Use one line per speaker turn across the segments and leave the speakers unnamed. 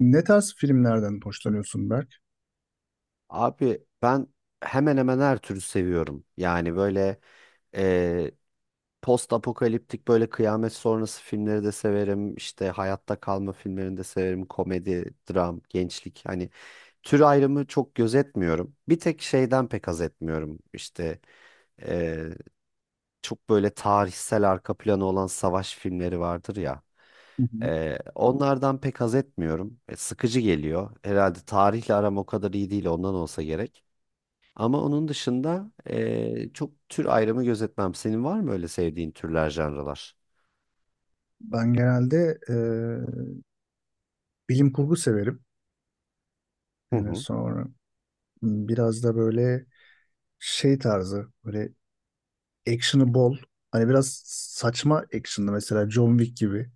Ne tarz filmlerden hoşlanıyorsun Berk?
Abi ben hemen hemen her türü seviyorum. Yani e, post apokaliptik, böyle kıyamet sonrası filmleri de severim. İşte hayatta kalma filmlerini de severim. Komedi, dram, gençlik. Hani tür ayrımı çok gözetmiyorum. Bir tek şeyden pek haz etmiyorum. E, Çok böyle tarihsel arka planı olan savaş filmleri vardır ya.
Hı hı.
Onlardan pek haz etmiyorum. Sıkıcı geliyor. Herhalde tarihle aram o kadar iyi değil, ondan olsa gerek. Ama onun dışında çok tür ayrımı gözetmem. Senin var mı öyle sevdiğin türler, janralar?
Ben genelde bilim kurgu severim.
Hı
Yani
hı,
sonra biraz da böyle şey tarzı, böyle action'ı bol. Hani biraz saçma action'lı mesela John Wick gibi.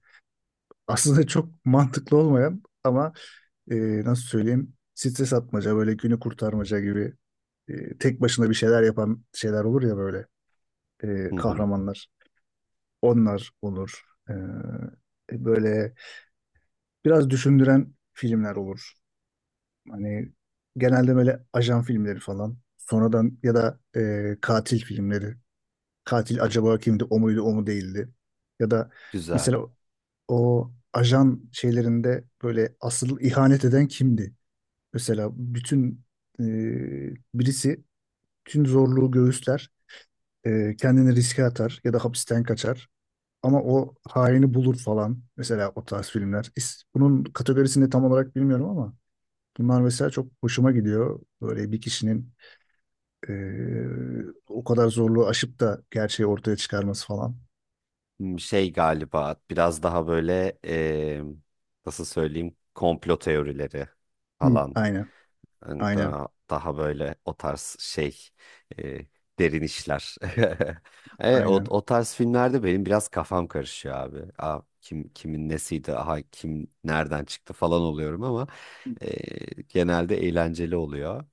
Aslında çok mantıklı olmayan ama e, nasıl söyleyeyim stres atmaca, böyle günü kurtarmaca gibi tek başına bir şeyler yapan şeyler olur ya böyle
hı hı.
kahramanlar. Onlar olur. E, böyle biraz düşündüren filmler olur. Hani genelde böyle ajan filmleri falan. Sonradan ya da katil filmleri. Katil acaba kimdi? O muydu, o mu değildi? Ya da
Güzel.
mesela o ajan şeylerinde böyle asıl ihanet eden kimdi? Mesela bütün e, birisi tüm zorluğu göğüsler, kendini riske atar ya da hapisten kaçar. Ama o haini bulur falan. Mesela o tarz filmler. Bunun kategorisini tam olarak bilmiyorum ama bunlar mesela çok hoşuma gidiyor. Böyle bir kişinin eee, o kadar zorluğu aşıp da gerçeği ortaya çıkarması falan.
Hmm, şey galiba biraz daha böyle, nasıl söyleyeyim, komplo teorileri
Hı.
falan.
Aynen,
Yani
aynen,
daha böyle o tarz şey e, derin işler. E, o,
aynen.
o tarz filmlerde benim biraz kafam karışıyor abi. Aa, kim kimin nesiydi, aha kim nereden çıktı falan oluyorum ama genelde eğlenceli oluyor.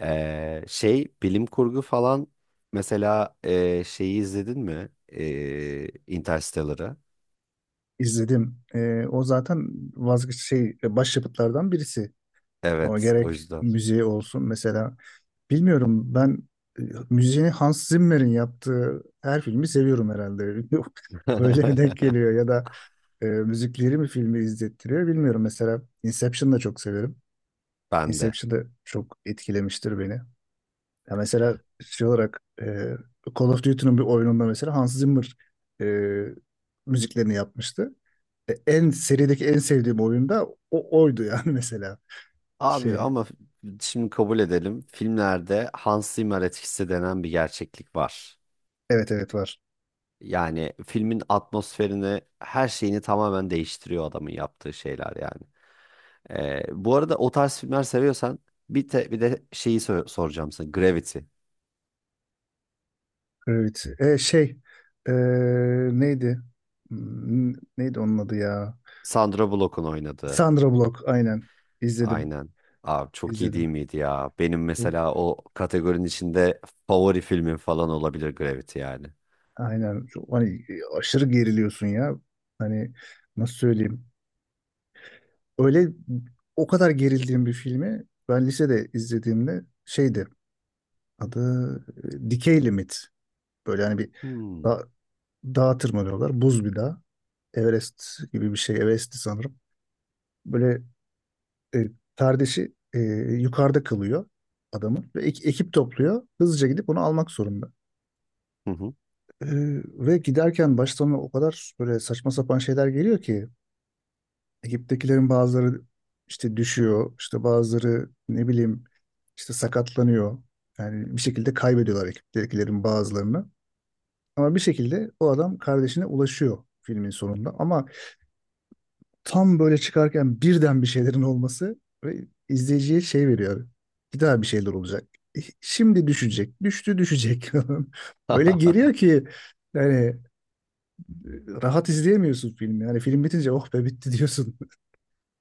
Şey, bilim kurgu falan mesela, şeyi izledin mi? Interstellar'ı.
İzledim. O zaten vazgeç şey başyapıtlardan birisi. O
Evet, o
gerek
yüzden.
müziği olsun mesela. Bilmiyorum ben e, müziğini Hans Zimmer'in yaptığı her filmi seviyorum herhalde. Öyle mi denk geliyor ya da müzikleri mi filmi izlettiriyor bilmiyorum. Mesela Inception'ı da çok severim.
Ben de.
Inception'da çok etkilemiştir beni. Ya mesela şey olarak Call of Duty'nin bir oyununda mesela Hans Zimmer e, müziklerini yapmıştı. En serideki en sevdiğim oyunda o oydu yani mesela.
Abi
Şey,
ama şimdi kabul edelim. Filmlerde Hans Zimmer etkisi denen bir gerçeklik var.
evet evet var.
Yani filmin atmosferini, her şeyini tamamen değiştiriyor adamın yaptığı şeyler yani. Bu arada o tarz filmler seviyorsan bir de şeyi soracağım sana. Gravity.
Evet. E, neydi? Hmm, Neydi onun adı ya?
Sandra Bullock'un oynadığı.
Sandra Bullock aynen. İzledim.
Aynen. Abi çok iyi değil
İzledim.
miydi ya? Benim
Bu
mesela o kategorinin içinde favori filmim falan olabilir Gravity yani.
Aynen. Hani aşırı geriliyorsun ya. Hani nasıl söyleyeyim? Öyle o kadar gerildiğim bir filmi ben lisede izlediğimde şeydi adı Dikey Limit. Böyle hani bir
Hmm.
da, dağa tırmanıyorlar. Buz bir dağ. Everest gibi bir şey. Everest'ti sanırım. Böyle e, kardeşi yukarıda kalıyor adamın. Ve ekip topluyor. Hızlıca gidip onu almak zorunda.
Hı hı.
E, ve giderken baştan o kadar böyle saçma sapan şeyler geliyor ki ekiptekilerin bazıları işte düşüyor, işte bazıları ne bileyim işte sakatlanıyor. Yani bir şekilde kaybediyorlar ekiptekilerin bazılarını. Ama bir şekilde o adam kardeşine ulaşıyor filmin sonunda. Ama tam böyle çıkarken birden bir şeylerin olması ve izleyiciye şey veriyor. Bir daha bir şeyler olacak. Şimdi düşecek, düştü düşecek. Öyle geliyor ki yani rahat izleyemiyorsun filmi. Yani film bitince oh be bitti diyorsun.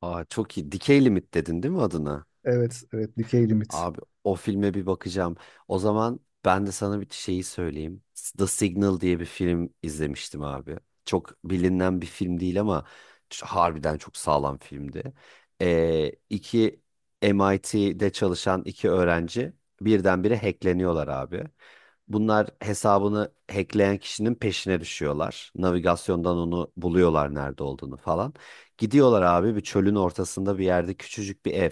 Aa, çok iyi. Decay Limit dedin değil mi adına?
Evet, evet Decay Limit.
Abi o filme bir bakacağım. O zaman ben de sana bir şeyi söyleyeyim. The Signal diye bir film izlemiştim abi. Çok bilinen bir film değil ama harbiden çok sağlam filmdi. İki MIT'de çalışan iki öğrenci birdenbire hackleniyorlar abi. Bunlar hesabını hackleyen kişinin peşine düşüyorlar. Navigasyondan onu buluyorlar, nerede olduğunu falan. Gidiyorlar abi, bir çölün ortasında bir yerde küçücük bir ev.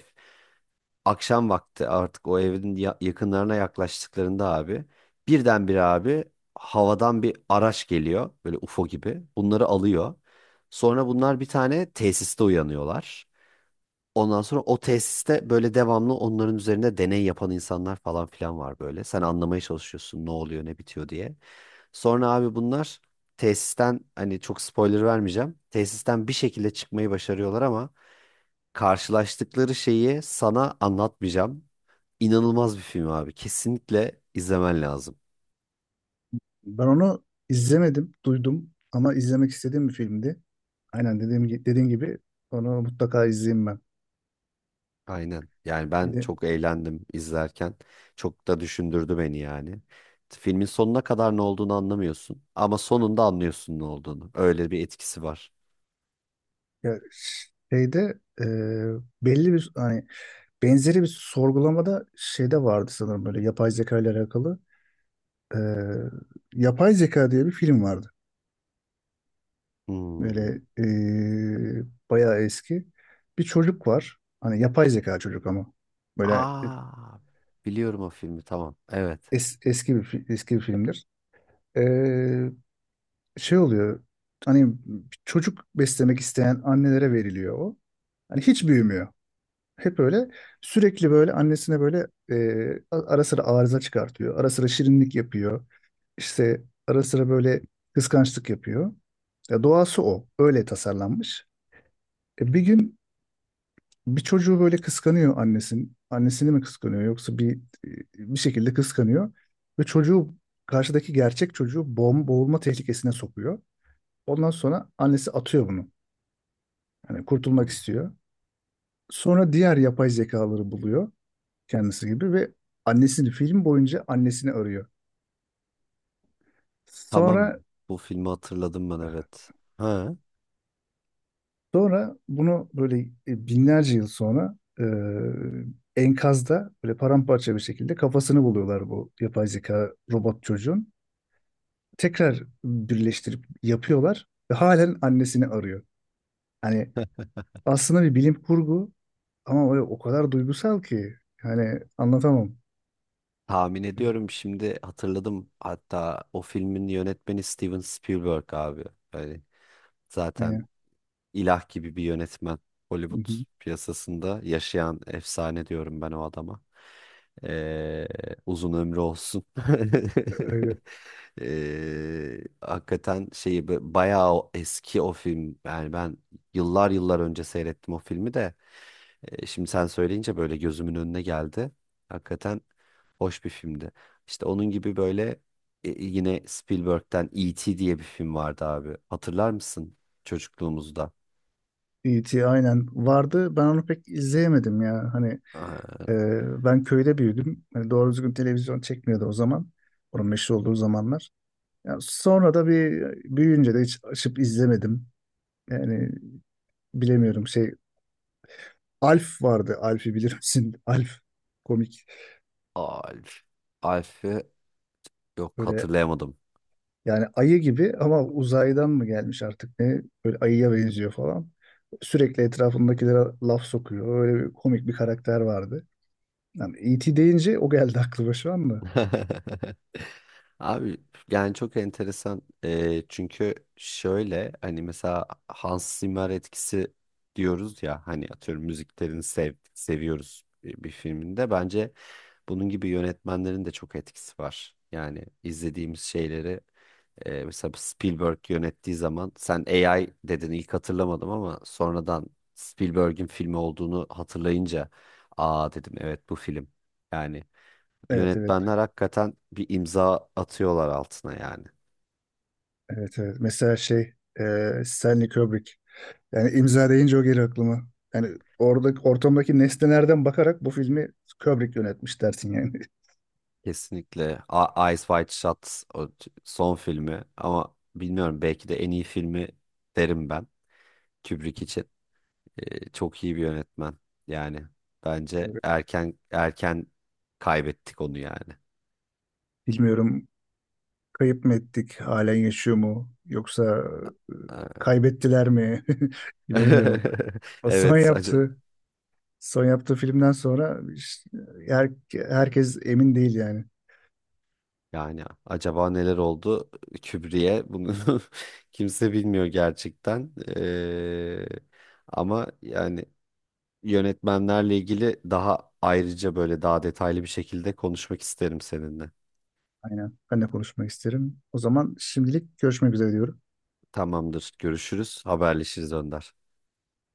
Akşam vakti artık o evin yakınlarına yaklaştıklarında abi, birdenbire abi, havadan bir araç geliyor böyle UFO gibi. Bunları alıyor. Sonra bunlar bir tane tesiste uyanıyorlar. Ondan sonra o tesiste böyle devamlı onların üzerinde deney yapan insanlar falan filan var böyle. Sen anlamaya çalışıyorsun ne oluyor ne bitiyor diye. Sonra abi bunlar tesisten, hani çok spoiler vermeyeceğim. Tesisten bir şekilde çıkmayı başarıyorlar ama karşılaştıkları şeyi sana anlatmayacağım. İnanılmaz bir film abi. Kesinlikle izlemen lazım.
Ben onu izlemedim, duydum ama izlemek istediğim bir filmdi. Aynen dediğim, dediğin gibi onu mutlaka izleyeyim ben.
Aynen. Yani
Bir
ben
de
çok eğlendim izlerken. Çok da düşündürdü beni yani. Filmin sonuna kadar ne olduğunu anlamıyorsun ama sonunda anlıyorsun ne olduğunu. Öyle bir etkisi var.
ya şeyde belli bir hani benzeri bir sorgulamada şeyde vardı sanırım böyle yapay zeka ile alakalı. E, Yapay Zeka diye bir film vardı.
Hmm.
Böyle e, bayağı eski. Bir çocuk var. Hani yapay zeka çocuk ama. Böyle
Aa, biliyorum o filmi, tamam. Evet.
Eski bir eski bir filmdir. Ee, şey oluyor. Hani çocuk beslemek isteyen annelere veriliyor o. Hani hiç büyümüyor. Hep öyle sürekli böyle annesine böyle ara sıra arıza çıkartıyor. Ara sıra şirinlik yapıyor. İşte ara sıra böyle kıskançlık yapıyor. Ya doğası o. Öyle tasarlanmış. Bir gün bir çocuğu böyle kıskanıyor annesin. Annesini mi kıskanıyor yoksa bir şekilde kıskanıyor ve çocuğu karşıdaki gerçek çocuğu boğulma tehlikesine sokuyor. Ondan sonra annesi atıyor bunu. Yani kurtulmak istiyor. Sonra diğer yapay zekaları buluyor kendisi gibi ve annesini film boyunca annesini arıyor.
Tamam,
Sonra
bu filmi hatırladım ben, evet. Ha.
sonra bunu böyle binlerce yıl sonra enkazda böyle paramparça bir şekilde kafasını buluyorlar bu yapay zeka robot çocuğun. Tekrar birleştirip yapıyorlar ve halen annesini arıyor. Hani aslında bir bilim kurgu ama böyle o kadar duygusal ki hani anlatamam.
Tahmin ediyorum, şimdi hatırladım. Hatta o filmin yönetmeni Steven Spielberg abi. Yani
Yani,
zaten ilah gibi bir yönetmen.
hı
Hollywood
hı,
piyasasında yaşayan efsane diyorum ben o adama. Ee, uzun ömrü olsun.
evet.
Hakikaten şeyi bayağı o eski o film. Yani ben yıllar yıllar önce seyrettim o filmi de. Şimdi sen söyleyince böyle gözümün önüne geldi. Hakikaten hoş bir filmdi. İşte onun gibi böyle, yine Spielberg'den E.T. diye bir film vardı abi. Hatırlar mısın çocukluğumuzda?
E.T. aynen vardı. Ben onu pek izleyemedim ya. Hani
Ee,
ben köyde büyüdüm. Hani doğru düzgün televizyon çekmiyordu o zaman. Onun meşhur olduğu zamanlar. Ya sonra da bir büyüyünce de hiç açıp izlemedim. Yani bilemiyorum şey Alf vardı. Alf'i bilir misin? Alf komik.
Alf. Alf'i yok,
Böyle
hatırlayamadım.
yani ayı gibi ama uzaydan mı gelmiş artık ne? Böyle ayıya benziyor falan. Sürekli etrafındakilere laf sokuyor. Öyle bir komik bir karakter vardı. Yani E.T. deyince o geldi aklıma şu anda.
Abi yani çok enteresan. Çünkü şöyle, hani mesela Hans Zimmer etkisi diyoruz ya, hani atıyorum müziklerini seviyoruz bir, bir filminde. Bence bunun gibi yönetmenlerin de çok etkisi var. Yani izlediğimiz şeyleri, mesela Spielberg yönettiği zaman, sen AI dedin, ilk hatırlamadım ama sonradan Spielberg'in filmi olduğunu hatırlayınca aa dedim, evet bu film. Yani
Evet evet.
yönetmenler hakikaten bir imza atıyorlar altına yani.
Evet evet. Mesela şey Stanley Kubrick. Yani imza deyince o geliyor aklıma. Yani orada ortamdaki nesnelerden bakarak bu filmi Kubrick yönetmiş dersin yani.
Kesinlikle Eyes Wide Shut son filmi, ama bilmiyorum belki de en iyi filmi derim ben Kubrick için. E, çok iyi bir yönetmen yani. Bence
Evet.
erken kaybettik onu yani.
Bilmiyorum kayıp mı ettik? Halen yaşıyor mu? Yoksa e, kaybettiler mi? Bilemiyorum. O son
Evet, acı
yaptığı son yaptığı filmden sonra işte herkes emin değil yani.
yani. Acaba neler oldu Kübri'ye bunu, kimse bilmiyor gerçekten. Ama yani yönetmenlerle ilgili daha ayrıca böyle daha detaylı bir şekilde konuşmak isterim seninle.
Aynen. Ben de konuşmak isterim. O zaman şimdilik görüşmek üzere diyorum.
Tamamdır, görüşürüz, haberleşiriz Önder.